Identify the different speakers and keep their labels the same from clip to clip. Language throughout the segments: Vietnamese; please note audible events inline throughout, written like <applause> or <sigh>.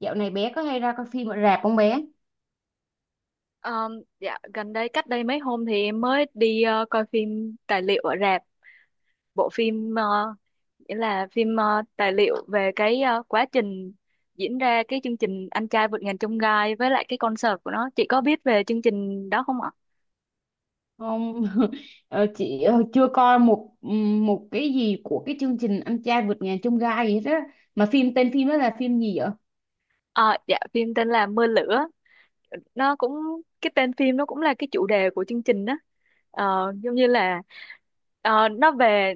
Speaker 1: Dạo này bé có hay ra coi phim ở rạp không bé?
Speaker 2: Ờ, dạ gần đây, cách đây mấy hôm thì em mới đi coi phim tài liệu ở rạp. Bộ phim nghĩa là phim tài liệu về cái quá trình diễn ra cái chương trình Anh Trai Vượt Ngàn Chông Gai với lại cái concert của nó. Chị có biết về chương trình đó không ạ?
Speaker 1: Không, <laughs> chị chưa coi một một cái gì của cái chương trình Anh trai vượt ngàn chông gai gì hết á. Mà tên phim đó là phim gì vậy?
Speaker 2: Ờ, dạ phim tên là Mưa Lửa, nó cũng cái tên phim nó cũng là cái chủ đề của chương trình đó. Giống như là nó về,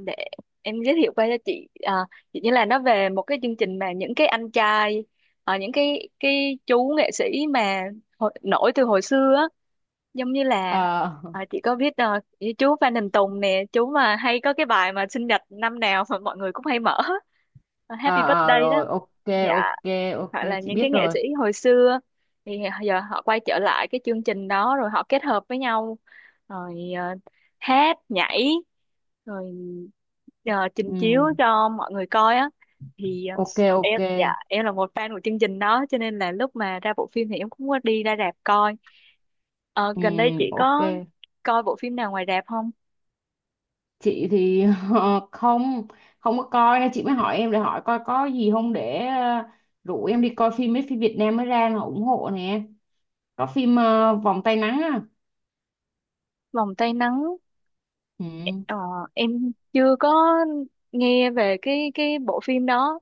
Speaker 2: để em giới thiệu qua cho chị. Ờ, Chỉ như là nó về một cái chương trình mà những cái anh trai, những cái chú nghệ sĩ mà nổi từ hồi xưa á, giống như là
Speaker 1: Ờ,
Speaker 2: chị có biết như chú Phan Đình Tùng nè, chú mà hay có cái bài mà sinh nhật năm nào mà mọi người cũng hay mở,
Speaker 1: ờ,
Speaker 2: Happy
Speaker 1: ờ,
Speaker 2: Birthday đó.
Speaker 1: rồi, ok, ok,
Speaker 2: Dạ,
Speaker 1: ok,
Speaker 2: hoặc là
Speaker 1: chị
Speaker 2: những
Speaker 1: biết
Speaker 2: cái nghệ
Speaker 1: rồi.
Speaker 2: sĩ hồi xưa thì giờ họ quay trở lại cái chương trình đó rồi họ kết hợp với nhau, rồi hát nhảy, rồi trình chiếu
Speaker 1: Ừ,
Speaker 2: cho mọi người coi á. Thì
Speaker 1: ok, ok,
Speaker 2: em, dạ, em là một fan của chương trình đó cho nên là lúc mà ra bộ phim thì em cũng có đi ra rạp coi. Ờ,
Speaker 1: ừ,
Speaker 2: Gần đây chị
Speaker 1: ok.
Speaker 2: có coi bộ phim nào ngoài rạp không?
Speaker 1: Chị thì <laughs> ờ, không, không có coi nên chị mới hỏi em để hỏi coi có gì không để rủ em đi coi mấy phim Việt Nam mới ra là ủng hộ nè. Có phim Vòng tay nắng á.
Speaker 2: Vòng tay nắng.
Speaker 1: Ừ.
Speaker 2: Ờ, em chưa có nghe về cái bộ phim đó.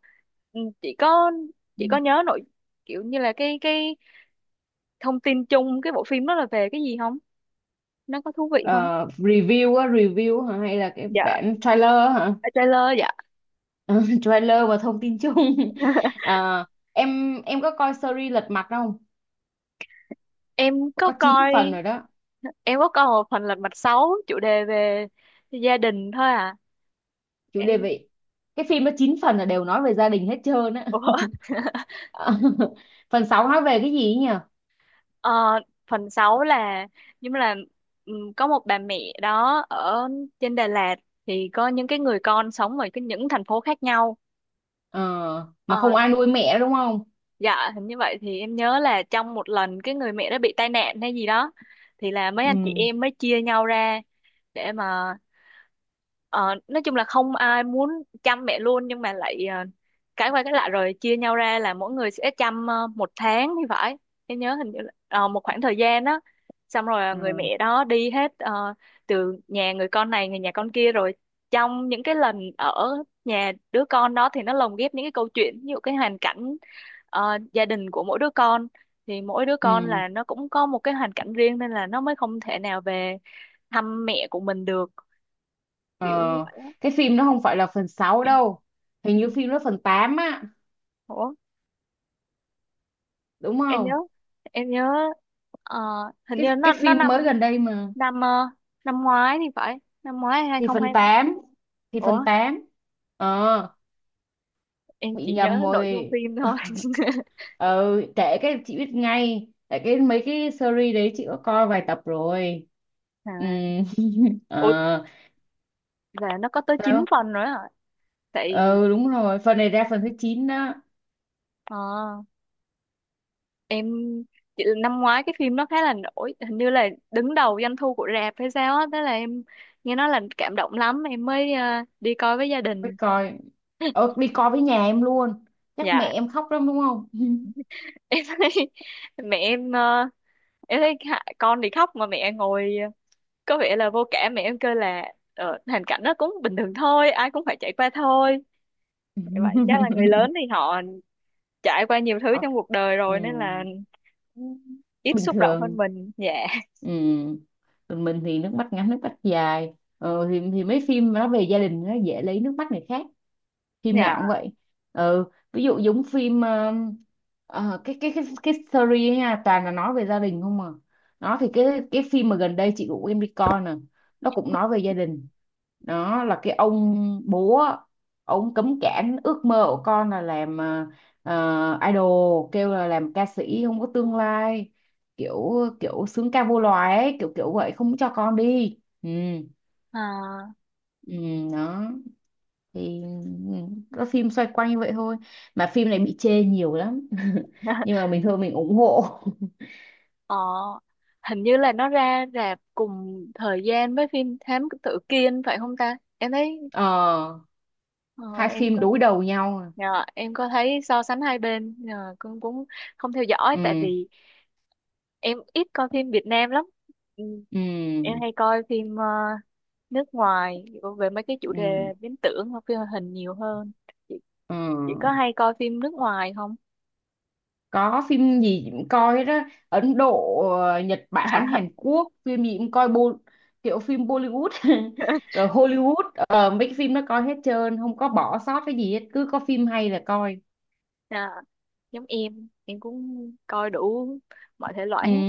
Speaker 2: Ừ, chỉ có
Speaker 1: Ừ.
Speaker 2: chỉ có nhớ nội, kiểu như là cái thông tin chung cái bộ phim đó là về cái gì không, nó có thú vị không?
Speaker 1: Ờ, review á, review hả? Hay là cái
Speaker 2: Dạ,
Speaker 1: bản trailer hả?
Speaker 2: trailer dạ.
Speaker 1: Ờ, <laughs> trailer và thông tin chung. <laughs>
Speaker 2: <laughs>
Speaker 1: Ờ, em có coi series Lật Mặt không?
Speaker 2: em có
Speaker 1: Có 9
Speaker 2: coi
Speaker 1: phần rồi đó,
Speaker 2: em có coi một phần Lật Mặt sáu, chủ đề về gia đình thôi à.
Speaker 1: chủ đề
Speaker 2: Em.
Speaker 1: vậy. Cái phim nó 9 phần là đều nói về gia đình hết trơn á. <laughs>
Speaker 2: Ủa. <laughs>
Speaker 1: Ờ, phần 6 nói về cái gì ấy nhỉ?
Speaker 2: Ờ, Phần 6 là, nhưng mà là, có một bà mẹ đó ở trên Đà Lạt thì có những cái người con sống ở cái những thành phố khác nhau.
Speaker 1: Ờ, mà
Speaker 2: Ờ,
Speaker 1: không ai nuôi mẹ đúng không?
Speaker 2: dạ hình như vậy. Thì em nhớ là trong một lần cái người mẹ đó bị tai nạn hay gì đó, thì là mấy
Speaker 1: Ừ.
Speaker 2: anh chị em mới chia nhau ra để mà, Ờ, nói chung là không ai muốn chăm mẹ luôn, nhưng mà lại cái qua cái lại rồi chia nhau ra là mỗi người sẽ chăm một tháng thì phải. Em nhớ hình như là một khoảng thời gian đó, xong rồi người
Speaker 1: Ừ.
Speaker 2: mẹ đó đi hết, từ nhà người con này người nhà con kia. Rồi trong những cái lần ở nhà đứa con đó thì nó lồng ghép những cái câu chuyện, ví dụ cái hoàn cảnh gia đình của mỗi đứa con, thì mỗi đứa
Speaker 1: Ừ.
Speaker 2: con là nó cũng có một cái hoàn cảnh riêng nên là nó mới không thể nào về thăm mẹ của mình được, kiểu như
Speaker 1: Ờ,
Speaker 2: vậy á.
Speaker 1: cái phim nó không phải là phần 6 đâu. Hình như phim nó phần 8 á,
Speaker 2: Ủa,
Speaker 1: đúng
Speaker 2: em nhớ
Speaker 1: không?
Speaker 2: em nhớ ờ, hình như nó
Speaker 1: Cái
Speaker 2: nó
Speaker 1: phim
Speaker 2: năm,
Speaker 1: mới gần đây mà.
Speaker 2: năm năm ngoái thì phải, năm ngoái hai
Speaker 1: Thì
Speaker 2: không
Speaker 1: phần
Speaker 2: hai,
Speaker 1: tám, thì
Speaker 2: ủa,
Speaker 1: phần tám, ờ,
Speaker 2: em
Speaker 1: bị
Speaker 2: chỉ nhớ
Speaker 1: nhầm
Speaker 2: nội dung
Speaker 1: rồi.
Speaker 2: phim thôi. <laughs>
Speaker 1: Ờ, kể cái chị biết ngay tại cái mấy cái series đấy chị có coi vài tập rồi. Ừ,
Speaker 2: À,
Speaker 1: <laughs>
Speaker 2: ủa,
Speaker 1: ờ,
Speaker 2: là nó có tới 9
Speaker 1: sao?
Speaker 2: phần nữa hả? Tại
Speaker 1: Ừ, đúng rồi, phần này ra phần thứ 9 đó.
Speaker 2: ờ, em, chị, năm ngoái cái phim nó khá là nổi, hình như là đứng đầu doanh thu của rạp hay sao á, thế là em nghe nói là cảm động lắm em mới đi coi với gia
Speaker 1: Mới
Speaker 2: đình.
Speaker 1: coi ờ,
Speaker 2: <laughs>
Speaker 1: đi coi với nhà em luôn. Chắc mẹ
Speaker 2: Dạ
Speaker 1: em khóc lắm đúng không?
Speaker 2: em thấy. <laughs> Mẹ em em thấy con thì khóc mà mẹ ngồi có vẻ là vô cảm. Mẹ em kêu là hoàn cảnh nó cũng bình thường thôi, ai cũng phải trải qua thôi. Như vậy chắc là người lớn
Speaker 1: <laughs>
Speaker 2: thì họ trải qua nhiều
Speaker 1: <laughs>
Speaker 2: thứ
Speaker 1: Khóc.
Speaker 2: trong cuộc đời
Speaker 1: Ừ.
Speaker 2: rồi nên là ít
Speaker 1: Bình
Speaker 2: xúc động hơn
Speaker 1: thường.
Speaker 2: mình. Dạ.
Speaker 1: Ừ. Còn mình thì nước mắt ngắn nước mắt dài. Thì mấy phim nó về gia đình nó dễ lấy nước mắt người khác, phim nào cũng
Speaker 2: Dạ.
Speaker 1: vậy. Ừ, ví dụ giống phim cái series ấy nha, toàn là nói về gia đình không à. Nó thì cái phim mà gần đây chị của em đi coi nè, nó cũng nói về gia đình. Đó là cái ông bố á, ông cấm cản ước mơ của con là làm idol, kêu là làm ca sĩ không có tương lai, kiểu kiểu sướng ca vô loài ấy, kiểu kiểu vậy, không cho con đi. Ừ,
Speaker 2: À,
Speaker 1: ừ, đó thì các phim xoay quanh như vậy thôi. Mà phim này bị chê nhiều lắm <laughs> nhưng mà
Speaker 2: <laughs>
Speaker 1: mình thôi mình ủng hộ. <laughs>
Speaker 2: ờ, hình như là nó ra rạp cùng thời gian với phim Thám Tử Kiên phải không ta, em thấy
Speaker 1: Ờ,
Speaker 2: ờ,
Speaker 1: hai
Speaker 2: em
Speaker 1: phim
Speaker 2: có.
Speaker 1: đối đầu nhau à.
Speaker 2: Dạ, em có thấy so sánh hai bên con cũng không theo dõi, tại
Speaker 1: Ừ,
Speaker 2: vì em ít coi phim Việt Nam lắm. Ừ.
Speaker 1: ừ,
Speaker 2: Em hay coi phim nước ngoài, về mấy cái chủ
Speaker 1: ừ,
Speaker 2: đề viễn tưởng hoặc phim hoạt hình nhiều hơn. chị, chị có
Speaker 1: ừ,
Speaker 2: hay coi phim nước ngoài không?
Speaker 1: có phim gì cũng coi hết á, Ấn Độ, Nhật Bản, Hàn
Speaker 2: <laughs>
Speaker 1: Quốc, phim gì cũng coi bo, kiểu phim Bollywood <laughs> rồi Hollywood. Ờ, Mấy cái phim nó coi hết trơn không có bỏ sót cái gì hết, cứ có phim hay là coi.
Speaker 2: À, giống em cũng coi đủ mọi thể loại
Speaker 1: Ừ,
Speaker 2: hết.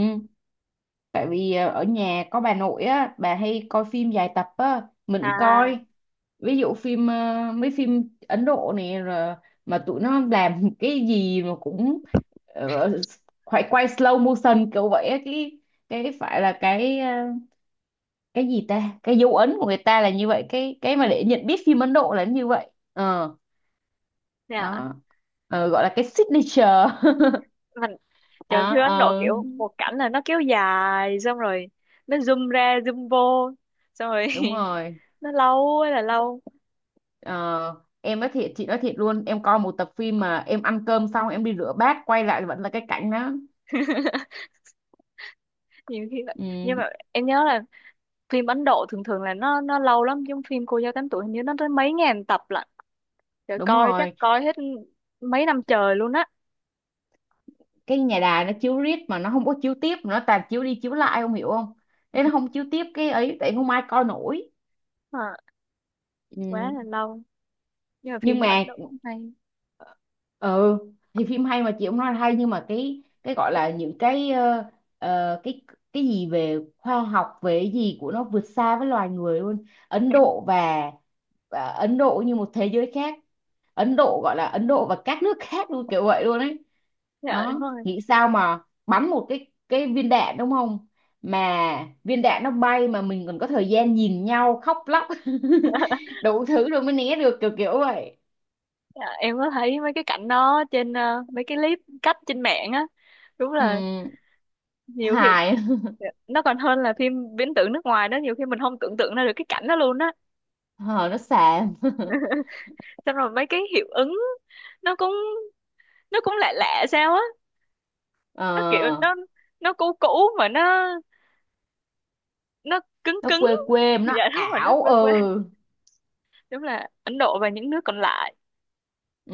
Speaker 1: tại vì ở nhà có bà nội á, bà hay coi phim dài tập á, mình
Speaker 2: À.
Speaker 1: coi. Ví dụ phim mấy phim Ấn Độ này rồi, mà tụi nó làm cái gì mà cũng ờ, phải quay slow motion kiểu vậy á. Cái Phải là cái cái gì ta, cái dấu ấn của người ta là như vậy, cái mà để nhận biết phim Ấn Độ là như vậy. Ờ,
Speaker 2: Dạ.
Speaker 1: đó. Ờ, gọi là cái signature.
Speaker 2: Mình.
Speaker 1: <laughs>
Speaker 2: Trời, phim
Speaker 1: Đó,
Speaker 2: Ấn Độ
Speaker 1: ờ,
Speaker 2: kiểu một cảnh là nó kéo dài, xong rồi nó zoom ra zoom vô, xong rồi,
Speaker 1: đúng
Speaker 2: <laughs>
Speaker 1: rồi.
Speaker 2: nó lâu ơi là lâu.
Speaker 1: Ờ, em nói thiệt, chị nói thiệt luôn, em coi một tập phim mà em ăn cơm xong em đi rửa bát quay lại vẫn là cái cảnh đó.
Speaker 2: Nhiều khi là-, nhưng
Speaker 1: Ừ,
Speaker 2: mà em nhớ là phim Ấn Độ thường thường là nó lâu lắm, giống phim Cô Dâu Tám Tuổi, hình như nó tới mấy ngàn tập lận, trời
Speaker 1: đúng
Speaker 2: coi chắc
Speaker 1: rồi,
Speaker 2: coi hết mấy năm trời luôn á.
Speaker 1: cái nhà đài nó chiếu riết mà nó không có chiếu tiếp, nó toàn chiếu đi chiếu lại, không hiểu không, nên nó không chiếu tiếp cái ấy tại không ai coi nổi.
Speaker 2: À, quá
Speaker 1: Ừ.
Speaker 2: là lâu, nhưng mà
Speaker 1: Nhưng
Speaker 2: phim Ấn
Speaker 1: mà
Speaker 2: Độ cũng hay.
Speaker 1: ừ, thì phim hay mà chị cũng nói là hay, nhưng mà cái gọi là những cái cái gì về khoa học, về cái gì của nó vượt xa với loài người luôn. Ấn Độ và Ấn Độ như một thế giới khác. Ấn Độ gọi là Ấn Độ và các nước khác luôn, kiểu vậy luôn ấy.
Speaker 2: Dạ đúng
Speaker 1: Đó,
Speaker 2: rồi.
Speaker 1: nghĩ sao mà bắn một cái viên đạn đúng không, mà viên đạn nó bay mà mình còn có thời gian nhìn nhau khóc lóc <laughs> đủ thứ rồi mới né được, kiểu kiểu vậy.
Speaker 2: Dạ, em có thấy mấy cái cảnh đó trên mấy cái clip cắt trên mạng á, đúng
Speaker 1: Ừ,
Speaker 2: là nhiều khi.
Speaker 1: hài. <laughs>
Speaker 2: Dạ, nó còn hơn là phim viễn tưởng nước ngoài đó, nhiều khi mình không tưởng tượng ra được cái cảnh đó luôn á.
Speaker 1: Ờ, nó xàm. <laughs>
Speaker 2: Xong rồi mấy cái hiệu ứng nó cũng nó cũng lạ lạ sao á, nó kiểu
Speaker 1: Ờ,
Speaker 2: nó cũ cũ, mà nó cứng
Speaker 1: nó
Speaker 2: cứng.
Speaker 1: quê quê,
Speaker 2: Dạ
Speaker 1: nó
Speaker 2: đúng rồi, đất
Speaker 1: ảo.
Speaker 2: quê quê,
Speaker 1: Ừ.
Speaker 2: đúng là Ấn Độ và những nước còn lại.
Speaker 1: Ừ,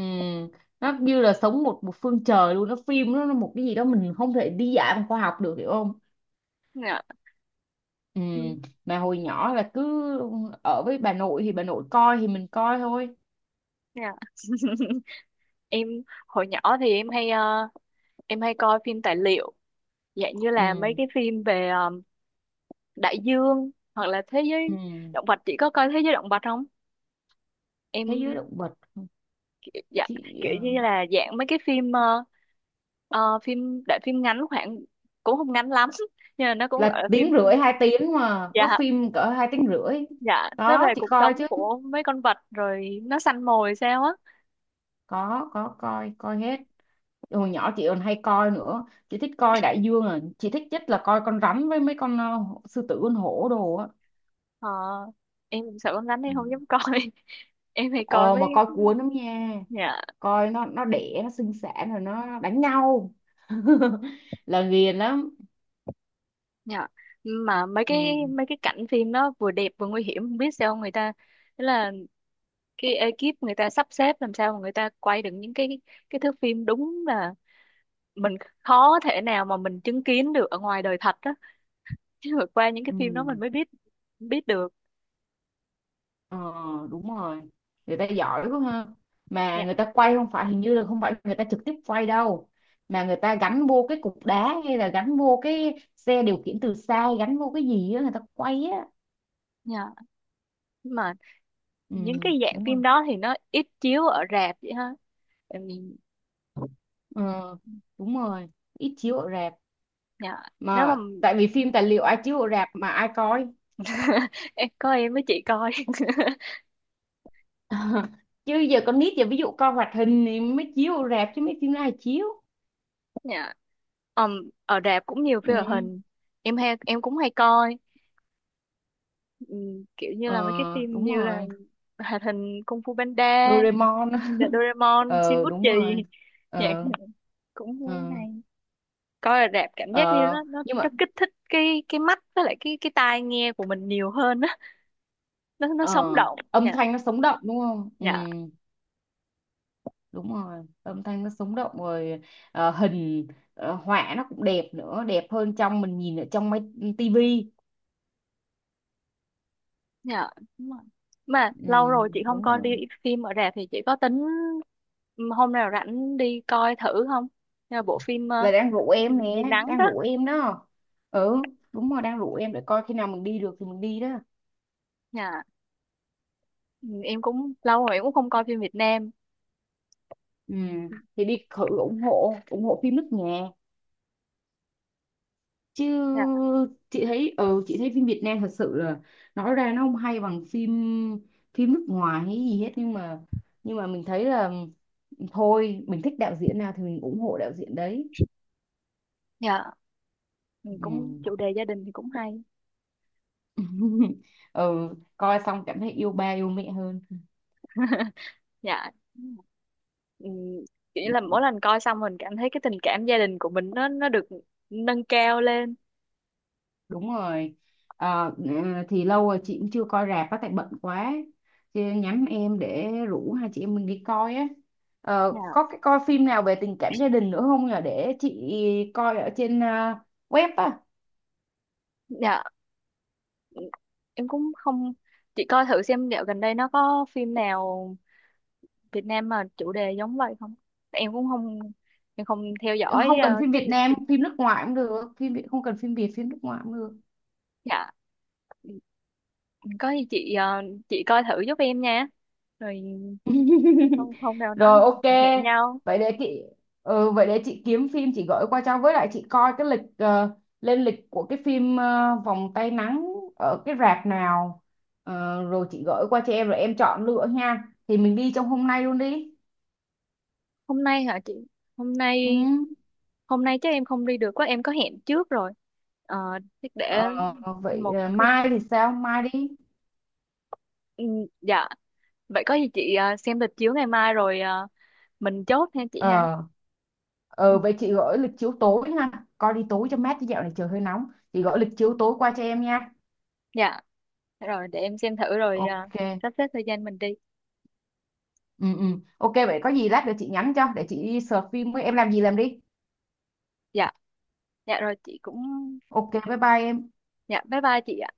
Speaker 1: nó như là sống một một phương trời luôn, nó phim nó một cái gì đó mình không thể đi giải bằng khoa học được, hiểu không.
Speaker 2: Dạ.
Speaker 1: Ừ,
Speaker 2: Ừ,
Speaker 1: mà hồi nhỏ là cứ ở với bà nội thì bà nội coi thì mình coi thôi.
Speaker 2: dạ. <laughs> Em hồi nhỏ thì em hay em hay coi phim tài liệu, dạng như là mấy
Speaker 1: Ừ,
Speaker 2: cái phim về đại dương hoặc là thế giới
Speaker 1: ừ,
Speaker 2: động vật. Chị có coi thế giới động vật không?
Speaker 1: thế giới
Speaker 2: Em.
Speaker 1: động vật,
Speaker 2: Dạ.
Speaker 1: chị
Speaker 2: Kiểu như là dạng mấy cái phim phim đại, phim ngắn khoảng, cũng không ngắn lắm <laughs> nhưng mà nó cũng
Speaker 1: là
Speaker 2: gọi là phim.
Speaker 1: tiếng rưỡi hai tiếng mà có
Speaker 2: Dạ.
Speaker 1: phim cỡ hai tiếng rưỡi.
Speaker 2: Dạ, nó
Speaker 1: Đó
Speaker 2: về
Speaker 1: chị
Speaker 2: cuộc
Speaker 1: coi
Speaker 2: sống
Speaker 1: chứ,
Speaker 2: của mấy con vật rồi nó săn mồi sao á.
Speaker 1: có coi, coi hết. Hồi nhỏ chị còn hay coi nữa, chị thích coi đại dương à, chị thích nhất là coi con rắn với mấy con sư tử, con hổ đồ á.
Speaker 2: Ờ, em cũng sợ con rắn nên
Speaker 1: Ừ.
Speaker 2: không dám coi. <laughs> Em hay coi
Speaker 1: Ờ, mà
Speaker 2: mấy.
Speaker 1: coi cuốn lắm nha,
Speaker 2: Dạ.
Speaker 1: coi nó đẻ, nó sinh sản rồi nó đánh nhau, <laughs> là ghiền lắm.
Speaker 2: Dạ. Mà mấy cái
Speaker 1: Ừ,
Speaker 2: mấy cái cảnh phim nó vừa đẹp vừa nguy hiểm, không biết sao người ta, tức là cái ekip người ta sắp xếp làm sao mà người ta quay được những cái thước phim, đúng là mình khó thể nào mà mình chứng kiến được ở ngoài đời thật đó. <laughs> Chứ vượt qua những cái phim đó mình
Speaker 1: ừ,
Speaker 2: mới biết, biết được.
Speaker 1: ờ, đúng rồi, người ta giỏi quá ha. Mà
Speaker 2: Dạ.
Speaker 1: người ta quay không phải, hình như là không phải người ta trực tiếp quay đâu, mà người ta gắn vô cái cục đá hay là gắn vô cái xe điều khiển từ xa, gắn vô cái gì á, người ta quay á.
Speaker 2: Dạ, mà
Speaker 1: Ừ,
Speaker 2: những cái dạng
Speaker 1: đúng rồi.
Speaker 2: phim đó thì nó ít chiếu ở rạp vậy ha. Tại vì-.
Speaker 1: Ờ, đúng rồi, ít chiếu ở rạp
Speaker 2: Dạ. Nếu mà
Speaker 1: mà, tại vì phim tài liệu ai chiếu ở rạp mà ai coi.
Speaker 2: <laughs> em có em với chị coi. <laughs>
Speaker 1: <laughs> Chứ giờ con nít giờ ví dụ coi hoạt hình thì mới chiếu ở rạp, chứ mấy phim ai chiếu.
Speaker 2: Dạ. Ờm, ở rạp cũng nhiều
Speaker 1: Ừ.
Speaker 2: phim hoạt hình, em hay em cũng hay coi. Kiểu như là mấy cái
Speaker 1: Ờ,
Speaker 2: phim
Speaker 1: đúng
Speaker 2: như là
Speaker 1: rồi.
Speaker 2: hoạt hình Kung Fu Panda,
Speaker 1: Doraemon.
Speaker 2: The
Speaker 1: <laughs>
Speaker 2: Doraemon, Shin
Speaker 1: Ờ,
Speaker 2: Bút Chì.
Speaker 1: đúng rồi.
Speaker 2: Dạ
Speaker 1: Ờ,
Speaker 2: cũng
Speaker 1: ờ,
Speaker 2: hay. Coi ở rạp cảm giác như
Speaker 1: ờ,
Speaker 2: nó nó
Speaker 1: nhưng
Speaker 2: nó
Speaker 1: mà
Speaker 2: kích thích cái mắt với lại cái tai nghe của mình nhiều hơn á, nó sống
Speaker 1: ờ,
Speaker 2: động.
Speaker 1: âm
Speaker 2: Dạ.
Speaker 1: thanh nó sống động đúng không? Ừ,
Speaker 2: Dạ.
Speaker 1: đúng rồi. Âm thanh nó sống động rồi, hình họa nó cũng đẹp nữa, đẹp hơn trong mình nhìn ở trong máy tivi.
Speaker 2: Dạ, đúng rồi. Mà
Speaker 1: Ừ,
Speaker 2: lâu rồi chị không
Speaker 1: đúng
Speaker 2: coi đi
Speaker 1: rồi.
Speaker 2: phim ở rạp, thì chị có tính, ừ, hôm nào rảnh đi coi thử không? Nhà bộ phim
Speaker 1: Là đang rủ
Speaker 2: cái gì,
Speaker 1: em
Speaker 2: gì
Speaker 1: nè,
Speaker 2: nắng
Speaker 1: đang
Speaker 2: đó.
Speaker 1: rủ em đó. Ừ, đúng rồi, đang rủ em để coi, khi nào mình đi được thì mình đi đó.
Speaker 2: Dạ, ừ, em cũng lâu rồi em cũng không coi phim Việt Nam.
Speaker 1: Ừ, thì đi thử ủng hộ, ủng hộ phim nước nhà chứ.
Speaker 2: Dạ.
Speaker 1: Chị thấy ừ, chị thấy phim Việt Nam thật sự là nói ra nó không hay bằng phim phim nước ngoài hay gì hết, nhưng mà mình thấy là thôi mình thích đạo diễn nào thì mình ủng hộ đạo diễn đấy.
Speaker 2: Dạ, ừ, cũng
Speaker 1: Ừ.
Speaker 2: chủ đề gia đình thì cũng hay.
Speaker 1: <laughs> Ừ, coi xong cảm thấy yêu ba yêu mẹ hơn.
Speaker 2: <laughs> Dạ. Ừ, kiểu như là mỗi lần coi xong mình cảm thấy cái tình cảm gia đình của mình nó được nâng cao lên.
Speaker 1: Đúng rồi. Ờ, thì lâu rồi chị cũng chưa coi rạp á, tại bận quá, chị nhắm em để rủ hai chị em mình đi coi á. Ờ,
Speaker 2: Dạ.
Speaker 1: có cái coi phim nào về tình cảm gia đình nữa không nhỉ để chị coi ở trên à, web á.
Speaker 2: Dạ, em cũng không, chị coi thử xem dạo gần đây nó có phim nào Việt Nam mà chủ đề giống vậy không. Em cũng không, em không theo dõi
Speaker 1: Không cần phim
Speaker 2: cái
Speaker 1: Việt
Speaker 2: lịch
Speaker 1: Nam,
Speaker 2: trình.
Speaker 1: phim nước ngoài cũng được, phim Việt không cần phim Việt, phim nước ngoài cũng được.
Speaker 2: Dạ có gì chị chị coi thử giúp em nha. Rồi, không không nào nó
Speaker 1: Rồi, ok.
Speaker 2: <laughs> hẹn nhau.
Speaker 1: Vậy để chị ừ, vậy để chị kiếm phim chị gửi qua cho, với lại chị coi cái lịch lên lịch của cái phim Vòng tay nắng ở cái rạp nào. Ờ, rồi chị gửi qua cho em rồi em chọn lựa nha. Thì mình đi trong hôm nay luôn đi.
Speaker 2: Hôm nay hả chị? Hôm
Speaker 1: Ừ.
Speaker 2: nay, hôm nay chắc em không đi được quá, em có hẹn trước rồi ờ, chắc
Speaker 1: Ờ,
Speaker 2: để
Speaker 1: vậy
Speaker 2: một
Speaker 1: ờ,
Speaker 2: cái,
Speaker 1: mai thì sao? Mai đi.
Speaker 2: ừ, dạ. Vậy có gì chị xem lịch chiếu ngày mai rồi mình chốt ha chị ha.
Speaker 1: Ờ,
Speaker 2: Ừ.
Speaker 1: ờ, vậy chị gửi lịch chiếu tối ha. Coi đi tối cho mát chứ dạo này trời hơi nóng. Chị gửi lịch chiếu tối qua cho em nha.
Speaker 2: Dạ rồi để em xem thử rồi
Speaker 1: Ok.
Speaker 2: sắp xếp thời gian mình đi.
Speaker 1: Ừ, ừ, ok, vậy có gì lát nữa chị nhắn cho để chị đi search phim với em làm gì làm đi.
Speaker 2: Dạ. Dạ rồi chị cũng.
Speaker 1: Ok, bye bye em.
Speaker 2: Dạ bye bye chị ạ.